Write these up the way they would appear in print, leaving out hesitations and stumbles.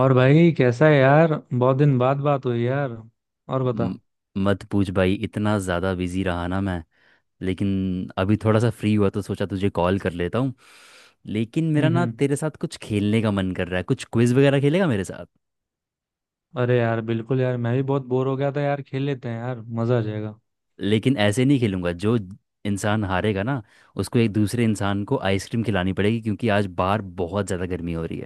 और भाई कैसा है यार, बहुत दिन बाद बात हुई यार। और बता। म- मत पूछ भाई इतना ज़्यादा बिजी रहा ना मैं। लेकिन अभी थोड़ा सा फ्री हुआ तो सोचा तुझे कॉल कर लेता हूँ। लेकिन हम्म। मेरा ना हम्म। तेरे साथ कुछ खेलने का मन कर रहा है, कुछ क्विज वगैरह खेलेगा मेरे साथ? अरे यार बिल्कुल यार, मैं भी बहुत बोर हो गया था यार, खेल लेते हैं यार, मजा आ जाएगा। लेकिन ऐसे नहीं खेलूंगा, जो इंसान हारेगा ना उसको एक दूसरे इंसान को आइसक्रीम खिलानी पड़ेगी, क्योंकि आज बाहर बहुत ज़्यादा गर्मी हो रही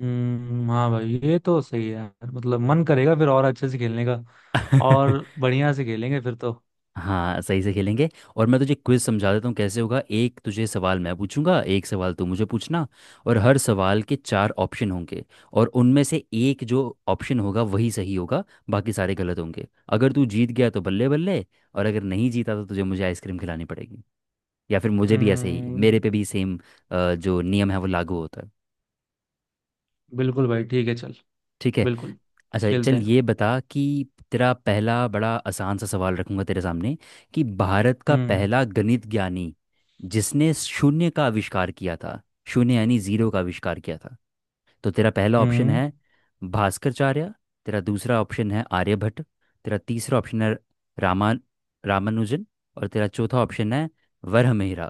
हम्म, हाँ भाई ये तो सही है यार, मतलब मन करेगा फिर और अच्छे से खेलने का। है। और बढ़िया से खेलेंगे फिर तो। हाँ, सही से खेलेंगे। और मैं तुझे क्विज समझा देता हूँ कैसे होगा। एक तुझे सवाल मैं पूछूंगा, एक सवाल तू मुझे पूछना। और हर सवाल के चार ऑप्शन होंगे, और उनमें से एक जो ऑप्शन होगा वही सही होगा, बाकी सारे गलत होंगे। अगर तू जीत गया तो बल्ले बल्ले, और अगर नहीं जीता तो तुझे मुझे आइसक्रीम खिलानी पड़ेगी। या फिर मुझे भी ऐसे ही, मेरे हम्म। पे भी सेम जो नियम है वो लागू होता है। बिल्कुल भाई, ठीक है, चल। ठीक है। बिल्कुल। अच्छा, खेलते चल हैं। ये बता कि तेरा पहला बड़ा आसान सा सवाल रखूंगा तेरे सामने कि भारत का हम्म। पहला गणित ज्ञानी जिसने शून्य का आविष्कार किया था, शून्य यानी जीरो का आविष्कार किया था। तो तेरा पहला ऑप्शन हम्म। है भास्करचार्य, तेरा दूसरा ऑप्शन है आर्यभट्ट, तेरा तीसरा ऑप्शन है रामा रामानुजन, और तेरा चौथा ऑप्शन है वरहमिहिरा।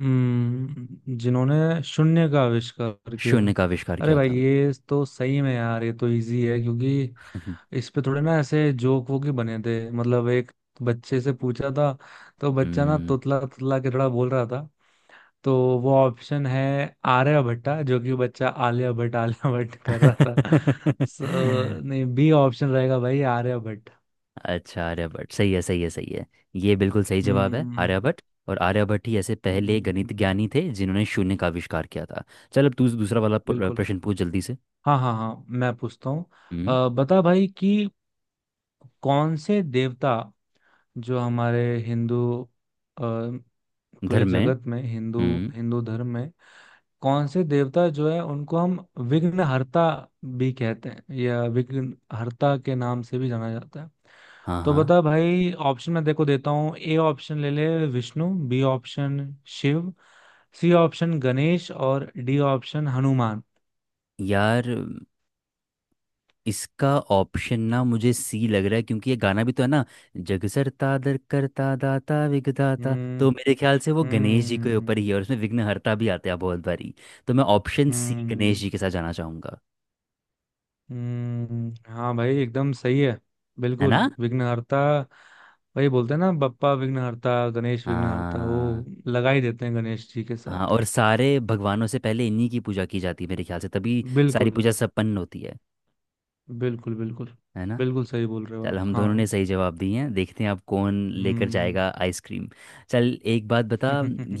जिन्होंने शून्य का आविष्कार शून्य किया। का आविष्कार अरे किया भाई था। ये तो सही में यार, ये तो इजी है, क्योंकि इस पे थोड़े ना ऐसे जोक वोक ही बने थे, मतलब एक बच्चे से पूछा था, तो बच्चा ना हम्म। तुतला तुतला के थोड़ा बोल रहा था। तो वो ऑप्शन है आर्यभट्टा, जो कि बच्चा आलिया भट्ट आलिया भट्ट कर रहा था। सो नहीं, बी ऑप्शन रहेगा भाई, आर्यभट्ट। अच्छा, आर्यभट्ट सही है, सही है, सही है। ये बिल्कुल सही जवाब है, हम्म। आर्यभट्ट। और आर्यभट्ट ही ऐसे पहले हम्म। गणित ज्ञानी थे जिन्होंने शून्य का आविष्कार किया था। चल अब तू दूसरा वाला बिल्कुल। प्रश्न पूछ जल्दी से। हाँ हाँ हाँ, मैं पूछता हूँ। हम्म। बता भाई कि कौन से देवता जो हमारे हिंदू अ, पूरे धर्म में। जगत में, हिंदू हम्म। हिंदू धर्म में, कौन से देवता जो है उनको हम विघ्नहर्ता भी कहते हैं, या विघ्नहर्ता के नाम से भी जाना जाता है। हाँ तो हाँ। बता भाई, ऑप्शन में देखो देता हूँ। ए ऑप्शन ले ले Vishnu, B option Shiv, C option Ganesh, और डी ऑप्शन हनुमान। यार इसका ऑप्शन ना मुझे सी लग रहा है, क्योंकि ये गाना भी तो है ना, जग सरता दर करता दाता विघदाता। हम्म। तो मेरे ख्याल से वो गणेश जी के हम्म। ऊपर ही है, और उसमें विघ्नहर्ता भी आते हैं बहुत बारी। तो मैं ऑप्शन सी गणेश हम्म। जी के साथ जाना चाहूंगा। हम्म, हाँ भाई एकदम सही है, है बिल्कुल ना। विघ्नहर्ता। वही बोलते हैं ना, बप्पा विघ्नहर्ता, गणेश विघ्नहर्ता, हाँ, वो लगा ही देते हैं गणेश जी के हाँ साथ। और सारे भगवानों से पहले इन्हीं की पूजा की जाती है मेरे ख्याल से, तभी सारी बिल्कुल पूजा संपन्न होती है। बिल्कुल बिल्कुल। है ना। बिल्कुल सही बोल रहे हो चल आप, हम दोनों ने हाँ। सही जवाब दिए हैं, देखते हैं अब कौन लेकर हम्म। जाएगा आइसक्रीम। चल एक बात बता,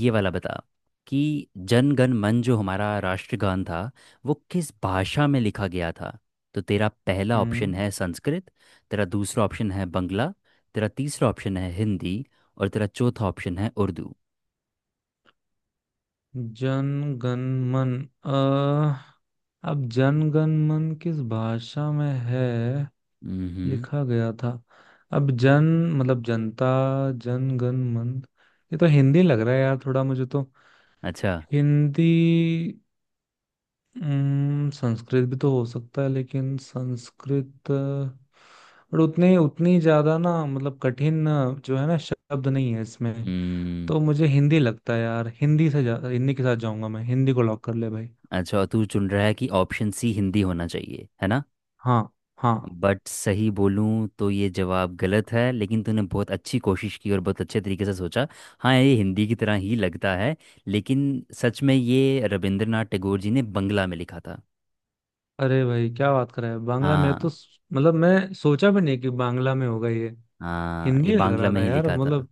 ये वाला बता कि जन गण मन जो हमारा राष्ट्रगान था वो किस भाषा में लिखा गया था। तो तेरा पहला ऑप्शन हम्म है संस्कृत, तेरा दूसरा ऑप्शन है बंगला, तेरा तीसरा ऑप्शन है हिंदी, और तेरा चौथा ऑप्शन है उर्दू। जन गण मन। अ अब जन गण मन किस भाषा में है हम्म। लिखा गया था। अब जन, मतलब जनता, जन गण मन, ये तो हिंदी लग रहा है यार थोड़ा मुझे तो। अच्छा। हिंदी। संस्कृत भी तो हो सकता है, लेकिन संस्कृत और उतने उतनी ज्यादा ना, मतलब कठिन जो है ना शब्द नहीं है इसमें। हम्म। तो मुझे हिंदी लगता है यार, हिंदी से हिंदी के साथ जाऊंगा मैं, हिंदी को लॉक कर ले भाई। अच्छा, और तू चुन रहा है कि ऑप्शन सी हिंदी होना चाहिए, है ना। हाँ। हाँ। बट सही बोलूं तो ये जवाब गलत है, लेकिन तूने बहुत अच्छी कोशिश की और बहुत अच्छे तरीके से सोचा। हाँ, ये हिंदी की तरह ही लगता है, लेकिन सच में ये रविंद्रनाथ टैगोर जी ने बंगला में लिखा था। अरे भाई क्या बात कर रहा है, बांग्ला! मैं तो हाँ, मतलब मैं सोचा भी नहीं कि बांग्ला में होगा ये। हाँ ये हिंदी लग बांग्ला रहा में था ही यार, लिखा था। मतलब।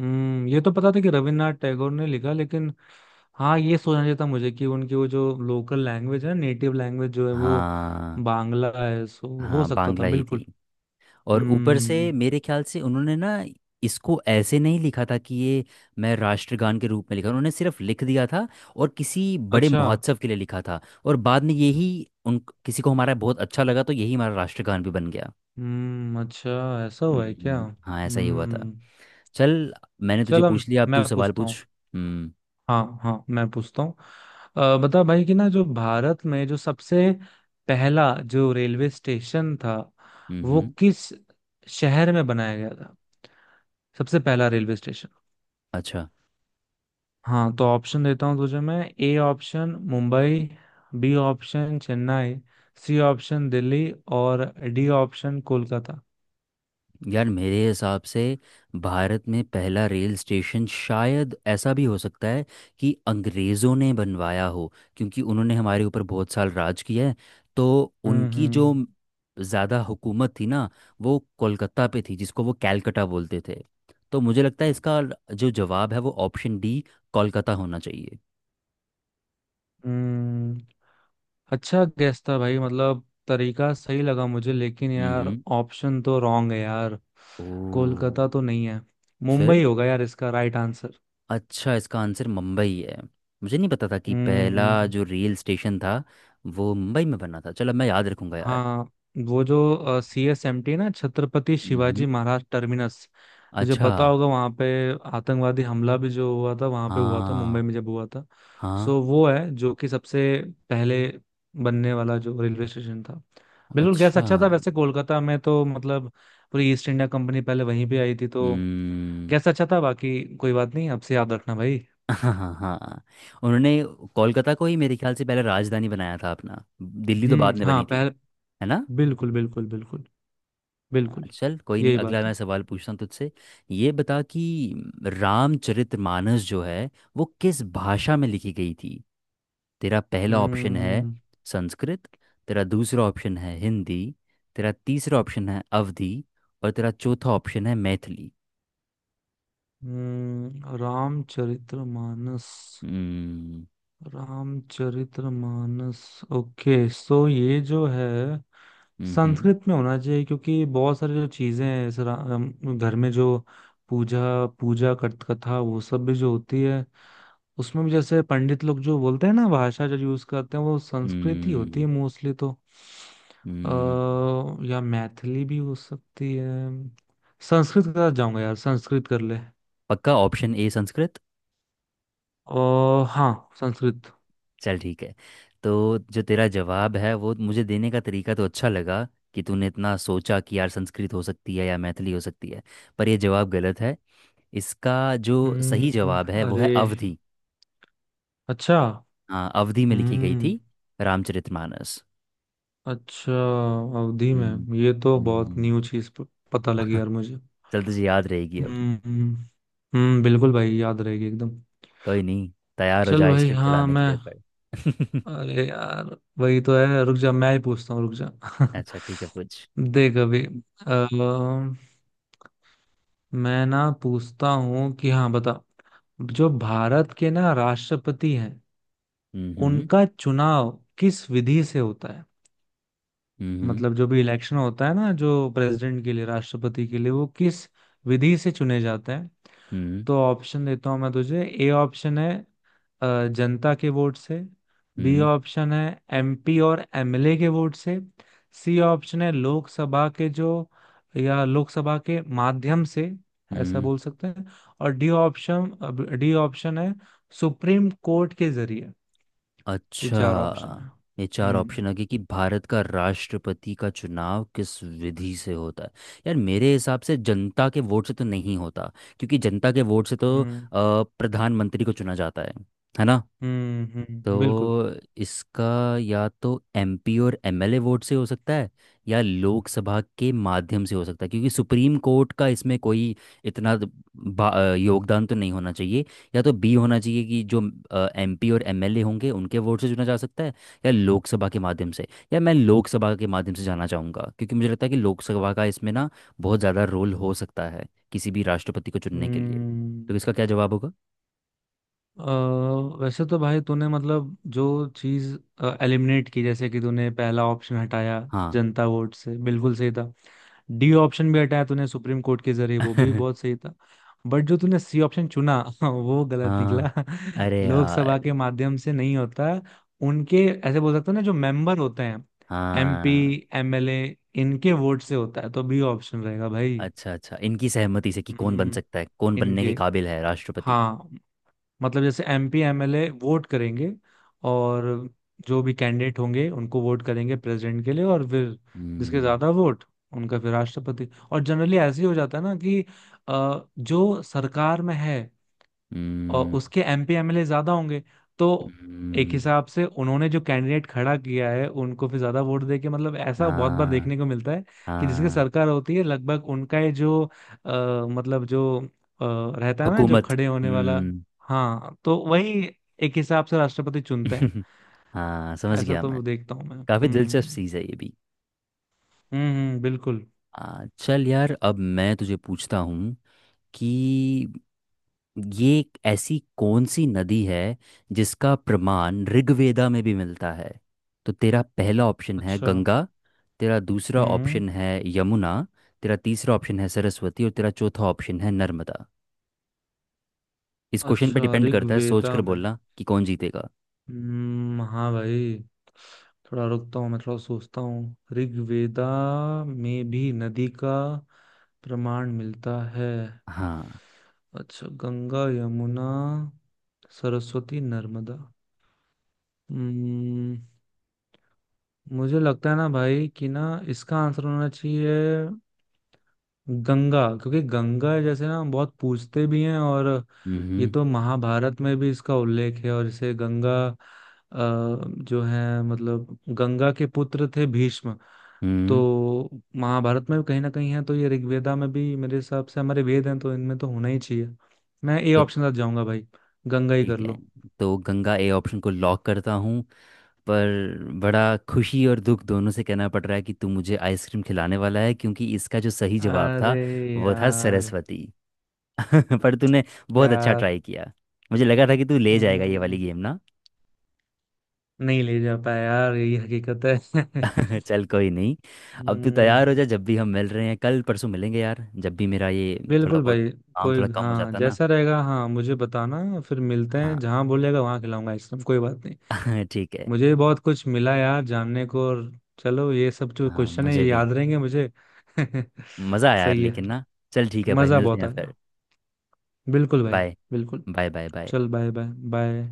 हम्म, ये तो पता था कि रविन्द्रनाथ टैगोर ने लिखा, लेकिन हाँ ये सोचना चाहिए था मुझे कि उनकी वो जो लोकल लैंग्वेज है, नेटिव लैंग्वेज जो है, वो हाँ, बांग्ला है, सो हो हाँ सकता बांग्ला था ही थी। बिल्कुल। और ऊपर से हम्म, मेरे ख्याल से उन्होंने ना इसको ऐसे नहीं लिखा था कि ये मैं राष्ट्रगान के रूप में लिखा, उन्होंने सिर्फ लिख दिया था और किसी बड़े अच्छा। महोत्सव के लिए लिखा था। और बाद में यही उन किसी को हमारा बहुत अच्छा लगा तो यही हमारा राष्ट्रगान भी बन गया। हम्म, अच्छा, ऐसा हुआ है क्या। हाँ, ऐसा ही हुआ था। हम्म। चल मैंने तुझे चलो पूछ लिया, अब तू मैं सवाल पूछता हूँ। पूछ। हम्म। हाँ हाँ मैं पूछता हूँ। बता भाई कि ना, जो भारत में जो सबसे पहला जो रेलवे स्टेशन था हम्म। वो किस शहर में बनाया गया था, सबसे पहला रेलवे स्टेशन। अच्छा। हाँ तो ऑप्शन देता हूँ तुझे मैं। A option Mumbai, B option Chennai, C option Delhi, और डी ऑप्शन कोलकाता। यार मेरे हिसाब से भारत में पहला रेल स्टेशन शायद ऐसा भी हो सकता है कि अंग्रेज़ों ने बनवाया हो, क्योंकि उन्होंने हमारे ऊपर बहुत साल राज किया है। तो हम्म। उनकी जो हम्म। ज़्यादा हुकूमत थी ना वो कोलकाता पे थी, जिसको वो कैलकटा बोलते थे। तो मुझे लगता है इसका जो जवाब है वो ऑप्शन डी कोलकाता होना चाहिए। हम्म। अच्छा गेस था भाई, मतलब तरीका सही लगा मुझे, लेकिन यार हम्म। ऑप्शन तो रॉन्ग है यार। ओ। कोलकाता तो नहीं है, फिर मुंबई होगा यार इसका राइट आंसर। अच्छा, इसका आंसर मुंबई है। मुझे नहीं पता था कि पहला हम्म। जो रेल स्टेशन था वो मुंबई में बना था, चलो मैं याद रखूंगा यार। हाँ वो जो सी एस एम टी ना, छत्रपति शिवाजी हम्म। महाराज टर्मिनस, तुझे अच्छा। पता होगा, वहां पे आतंकवादी हमला भी जो हुआ था, वहां पे हुआ था मुंबई हाँ। में जब हुआ था। हाँ। सो वो है जो कि सबसे पहले बनने वाला जो रेलवे स्टेशन था। बिल्कुल गैस अच्छा। अच्छा था वैसे, कोलकाता में तो मतलब पूरी ईस्ट इंडिया कंपनी पहले वहीं पे आई थी तो। हम्म। गैस अच्छा था बाकी, कोई बात नहीं, अब से याद रखना भाई। हाँ, हाँ, हाँ उन्होंने कोलकाता को ही मेरे ख्याल से पहले राजधानी बनाया था अपना, दिल्ली तो हम्म, बाद में हाँ बनी थी। पहले। है ना। बिल्कुल बिल्कुल बिल्कुल। हाँ, बिल्कुल। चल कोई नहीं, यही अगला बात मैं है। सवाल पूछता हूँ तुझसे। ये बता कि रामचरितमानस जो है वो किस भाषा में लिखी गई थी। तेरा पहला ऑप्शन है हम्म। संस्कृत, तेरा दूसरा ऑप्शन है हिंदी, तेरा तीसरा ऑप्शन है अवधी, और तेरा चौथा ऑप्शन है मैथिली। रामचरितमानस। हम्म। रामचरितमानस। ओके, सो ये जो है हम्म। संस्कृत में होना चाहिए, क्योंकि बहुत सारी जो चीजें हैं इस घर में जो पूजा पूजा कथा, वो सब भी जो होती है, उसमें भी जैसे पंडित लोग जो बोलते हैं ना, भाषा जो यूज करते हैं वो संस्कृत ही होती हम्म। है मोस्टली तो। आ, हम्म, या मैथिली भी हो सकती है। संस्कृत का जाऊंगा यार, संस्कृत कर ले। पक्का ऑप्शन ए संस्कृत। और हाँ संस्कृत। चल ठीक है। तो जो तेरा जवाब है वो मुझे देने का तरीका तो अच्छा लगा, कि तूने इतना सोचा कि यार संस्कृत हो सकती है या मैथिली हो सकती है। पर ये जवाब गलत है। इसका जो सही हम्म। जवाब है वो है अरे, अवधि। अच्छा। हाँ, अवधि में लिखी गई हम्म, थी रामचरितमानस। अच्छा, अवधि हम्म। में, ये तो बहुत हम्म। न्यू चीज पता लगी यार मुझे। चल तुझे याद रहेगी अब। हम्म। हम्म। बिल्कुल भाई याद रहेगी एकदम। कोई नहीं, तैयार हो जा चल भाई, आइसक्रीम हाँ खिलाने के मैं। लिए पर। अरे यार वही तो है, रुक जा, मैं ही पूछता हूँ, रुक जा अच्छा ठीक है पूछ। देख अभी। अ, मैं ना पूछता हूँ कि, हाँ बता, जो भारत के ना राष्ट्रपति हैं हम्म। हम्म। उनका चुनाव किस विधि से होता है, हम्म। मतलब जो भी इलेक्शन होता है ना जो प्रेसिडेंट के लिए, राष्ट्रपति के लिए, वो किस विधि से चुने जाते हैं। हम्म। तो ऑप्शन देता हूं मैं तुझे। ए ऑप्शन है जनता के वोट से। बी हम्म। ऑप्शन है एमपी और एमएलए के वोट से। सी ऑप्शन है लोकसभा के जो, या लोकसभा के माध्यम से, ऐसा हम्म। बोल सकते हैं। और डी ऑप्शन है सुप्रीम कोर्ट के जरिए। ये चार ऑप्शन है। अच्छा। ये चार हम्म। ऑप्शन आगे कि भारत का राष्ट्रपति का चुनाव किस विधि से होता है। यार मेरे हिसाब से जनता के वोट से तो नहीं होता, क्योंकि जनता के वोट से तो हम्म। प्रधानमंत्री को चुना जाता है। है ना। हम्म। बिल्कुल। तो इसका या तो एमपी और एमएलए वोट से हो सकता है, या लोकसभा के माध्यम से हो सकता है, क्योंकि सुप्रीम कोर्ट का इसमें कोई इतना योगदान तो नहीं होना चाहिए। या तो बी होना चाहिए कि जो एमपी और एमएलए होंगे उनके वोट से चुना जा सकता है, या लोकसभा के माध्यम से। या मैं लोकसभा के माध्यम से जाना चाहूँगा, क्योंकि मुझे लगता है कि लोकसभा का इसमें ना बहुत ज़्यादा रोल हो सकता है किसी भी राष्ट्रपति को चुनने के लिए। तो हम्म। इसका क्या जवाब होगा? अ, वैसे तो भाई तूने मतलब जो चीज एलिमिनेट की, जैसे कि तूने पहला ऑप्शन हटाया हाँ। जनता वोट से, बिल्कुल सही था। डी ऑप्शन भी हटाया तूने सुप्रीम कोर्ट के जरिए, वो भी बहुत सही था। बट जो तूने सी ऑप्शन चुना वो गलत हाँ, निकला अरे लोकसभा यार। के माध्यम से नहीं होता। उनके, ऐसे बोल सकते हैं ना, जो मेंबर होते हैं, एमपी हाँ। एमएलए, इनके वोट से होता है। तो बी ऑप्शन रहेगा भाई। अच्छा, अच्छा, इनकी सहमति से कि कौन बन हम्म। सकता है, कौन बनने के इनके। काबिल है राष्ट्रपति। हाँ, मतलब जैसे एमपी एमएलए वोट करेंगे, और जो भी कैंडिडेट होंगे उनको वोट करेंगे प्रेसिडेंट के लिए, और फिर जिसके हम्म। ज्यादा वोट उनका फिर राष्ट्रपति। और जनरली ऐसे ही हो जाता है ना कि जो सरकार में है और हम्म। उसके एमपी एमएलए ज्यादा होंगे, तो एक हम्म। हिसाब से उन्होंने जो कैंडिडेट खड़ा किया है उनको फिर ज्यादा वोट दे के, मतलब ऐसा बहुत बार हाँ। देखने को मिलता है, कि जिसकी हाँ। सरकार होती है लगभग उनका ये जो मतलब जो अ, रहता है ना जो हुकूमत। खड़े होने वाला। हम्म। हाँ तो वही, एक हिसाब से राष्ट्रपति चुनते हैं। हाँ, समझ ऐसा गया तो मैं। मैं देखता हूँ मैं। काफ़ी दिलचस्प हम्म। चीज़ है ये भी। हम्म। बिल्कुल। चल यार अब मैं तुझे पूछता हूँ कि ये एक ऐसी कौन सी नदी है जिसका प्रमाण ऋग्वेदा में भी मिलता है। तो तेरा पहला ऑप्शन है अच्छा। गंगा, तेरा दूसरा हम्म, ऑप्शन है यमुना, तेरा तीसरा ऑप्शन है सरस्वती, और तेरा चौथा ऑप्शन है नर्मदा। इस क्वेश्चन पे अच्छा, डिपेंड करता है, सोच ऋग्वेदा कर में। बोलना कि कौन जीतेगा। हाँ भाई, थोड़ा रुकता हूँ मैं, थोड़ा सोचता हूँ, ऋग्वेदा में भी नदी का प्रमाण मिलता है। हाँ। अच्छा, गंगा यमुना सरस्वती नर्मदा। हम्म। मुझे लगता है ना भाई कि ना, इसका आंसर होना चाहिए गंगा, क्योंकि गंगा जैसे ना बहुत पूजते भी हैं, और ये हम्म। तो महाभारत में भी इसका उल्लेख है, और इसे गंगा जो है, मतलब गंगा के पुत्र थे भीष्म, हम्म। तो महाभारत में भी कहीं ना कहीं है, तो ये ऋग्वेदा में भी, मेरे हिसाब से हमारे वेद हैं तो इनमें तो होना ही चाहिए। मैं ए तो ऑप्शन साथ जाऊंगा भाई, गंगा ही कर ठीक है, लो। तो गंगा ए ऑप्शन को लॉक करता हूँ। पर बड़ा खुशी और दुख दोनों से कहना पड़ रहा है कि तू मुझे आइसक्रीम खिलाने वाला है, क्योंकि इसका जो सही जवाब अरे था वो था यार। सरस्वती। पर तूने बहुत अच्छा यार। ट्राई किया। मुझे लगा था कि तू ले जाएगा ये वाली हम्म, गेम ना। नहीं ले जा पाया यार, यही हकीकत है। चल कोई नहीं। अब तू तैयार हो जा, हम्म, जब भी हम मिल रहे हैं, कल परसों मिलेंगे यार जब भी मेरा ये थोड़ा बिल्कुल बहुत भाई। काम कोई, थोड़ा कम हो हाँ जाता ना। जैसा रहेगा हाँ मुझे बताना, फिर मिलते हाँ। हैं जहाँ बोलेगा वहां खिलाऊंगा आइसक्रीम, कोई बात नहीं। ठीक है। मुझे भी बहुत कुछ मिला यार जानने को, और चलो ये सब जो हाँ। क्वेश्चन है ये मुझे भी याद रहेंगे मुझे। मज़ा आया यार सही है। लेकिन ना। चल ठीक है भाई, मजा मिलते बहुत हैं आया। फिर। बिल्कुल भाई। बाय। बिल्कुल। Bye, bye, bye. चल बाय बाय। बाय।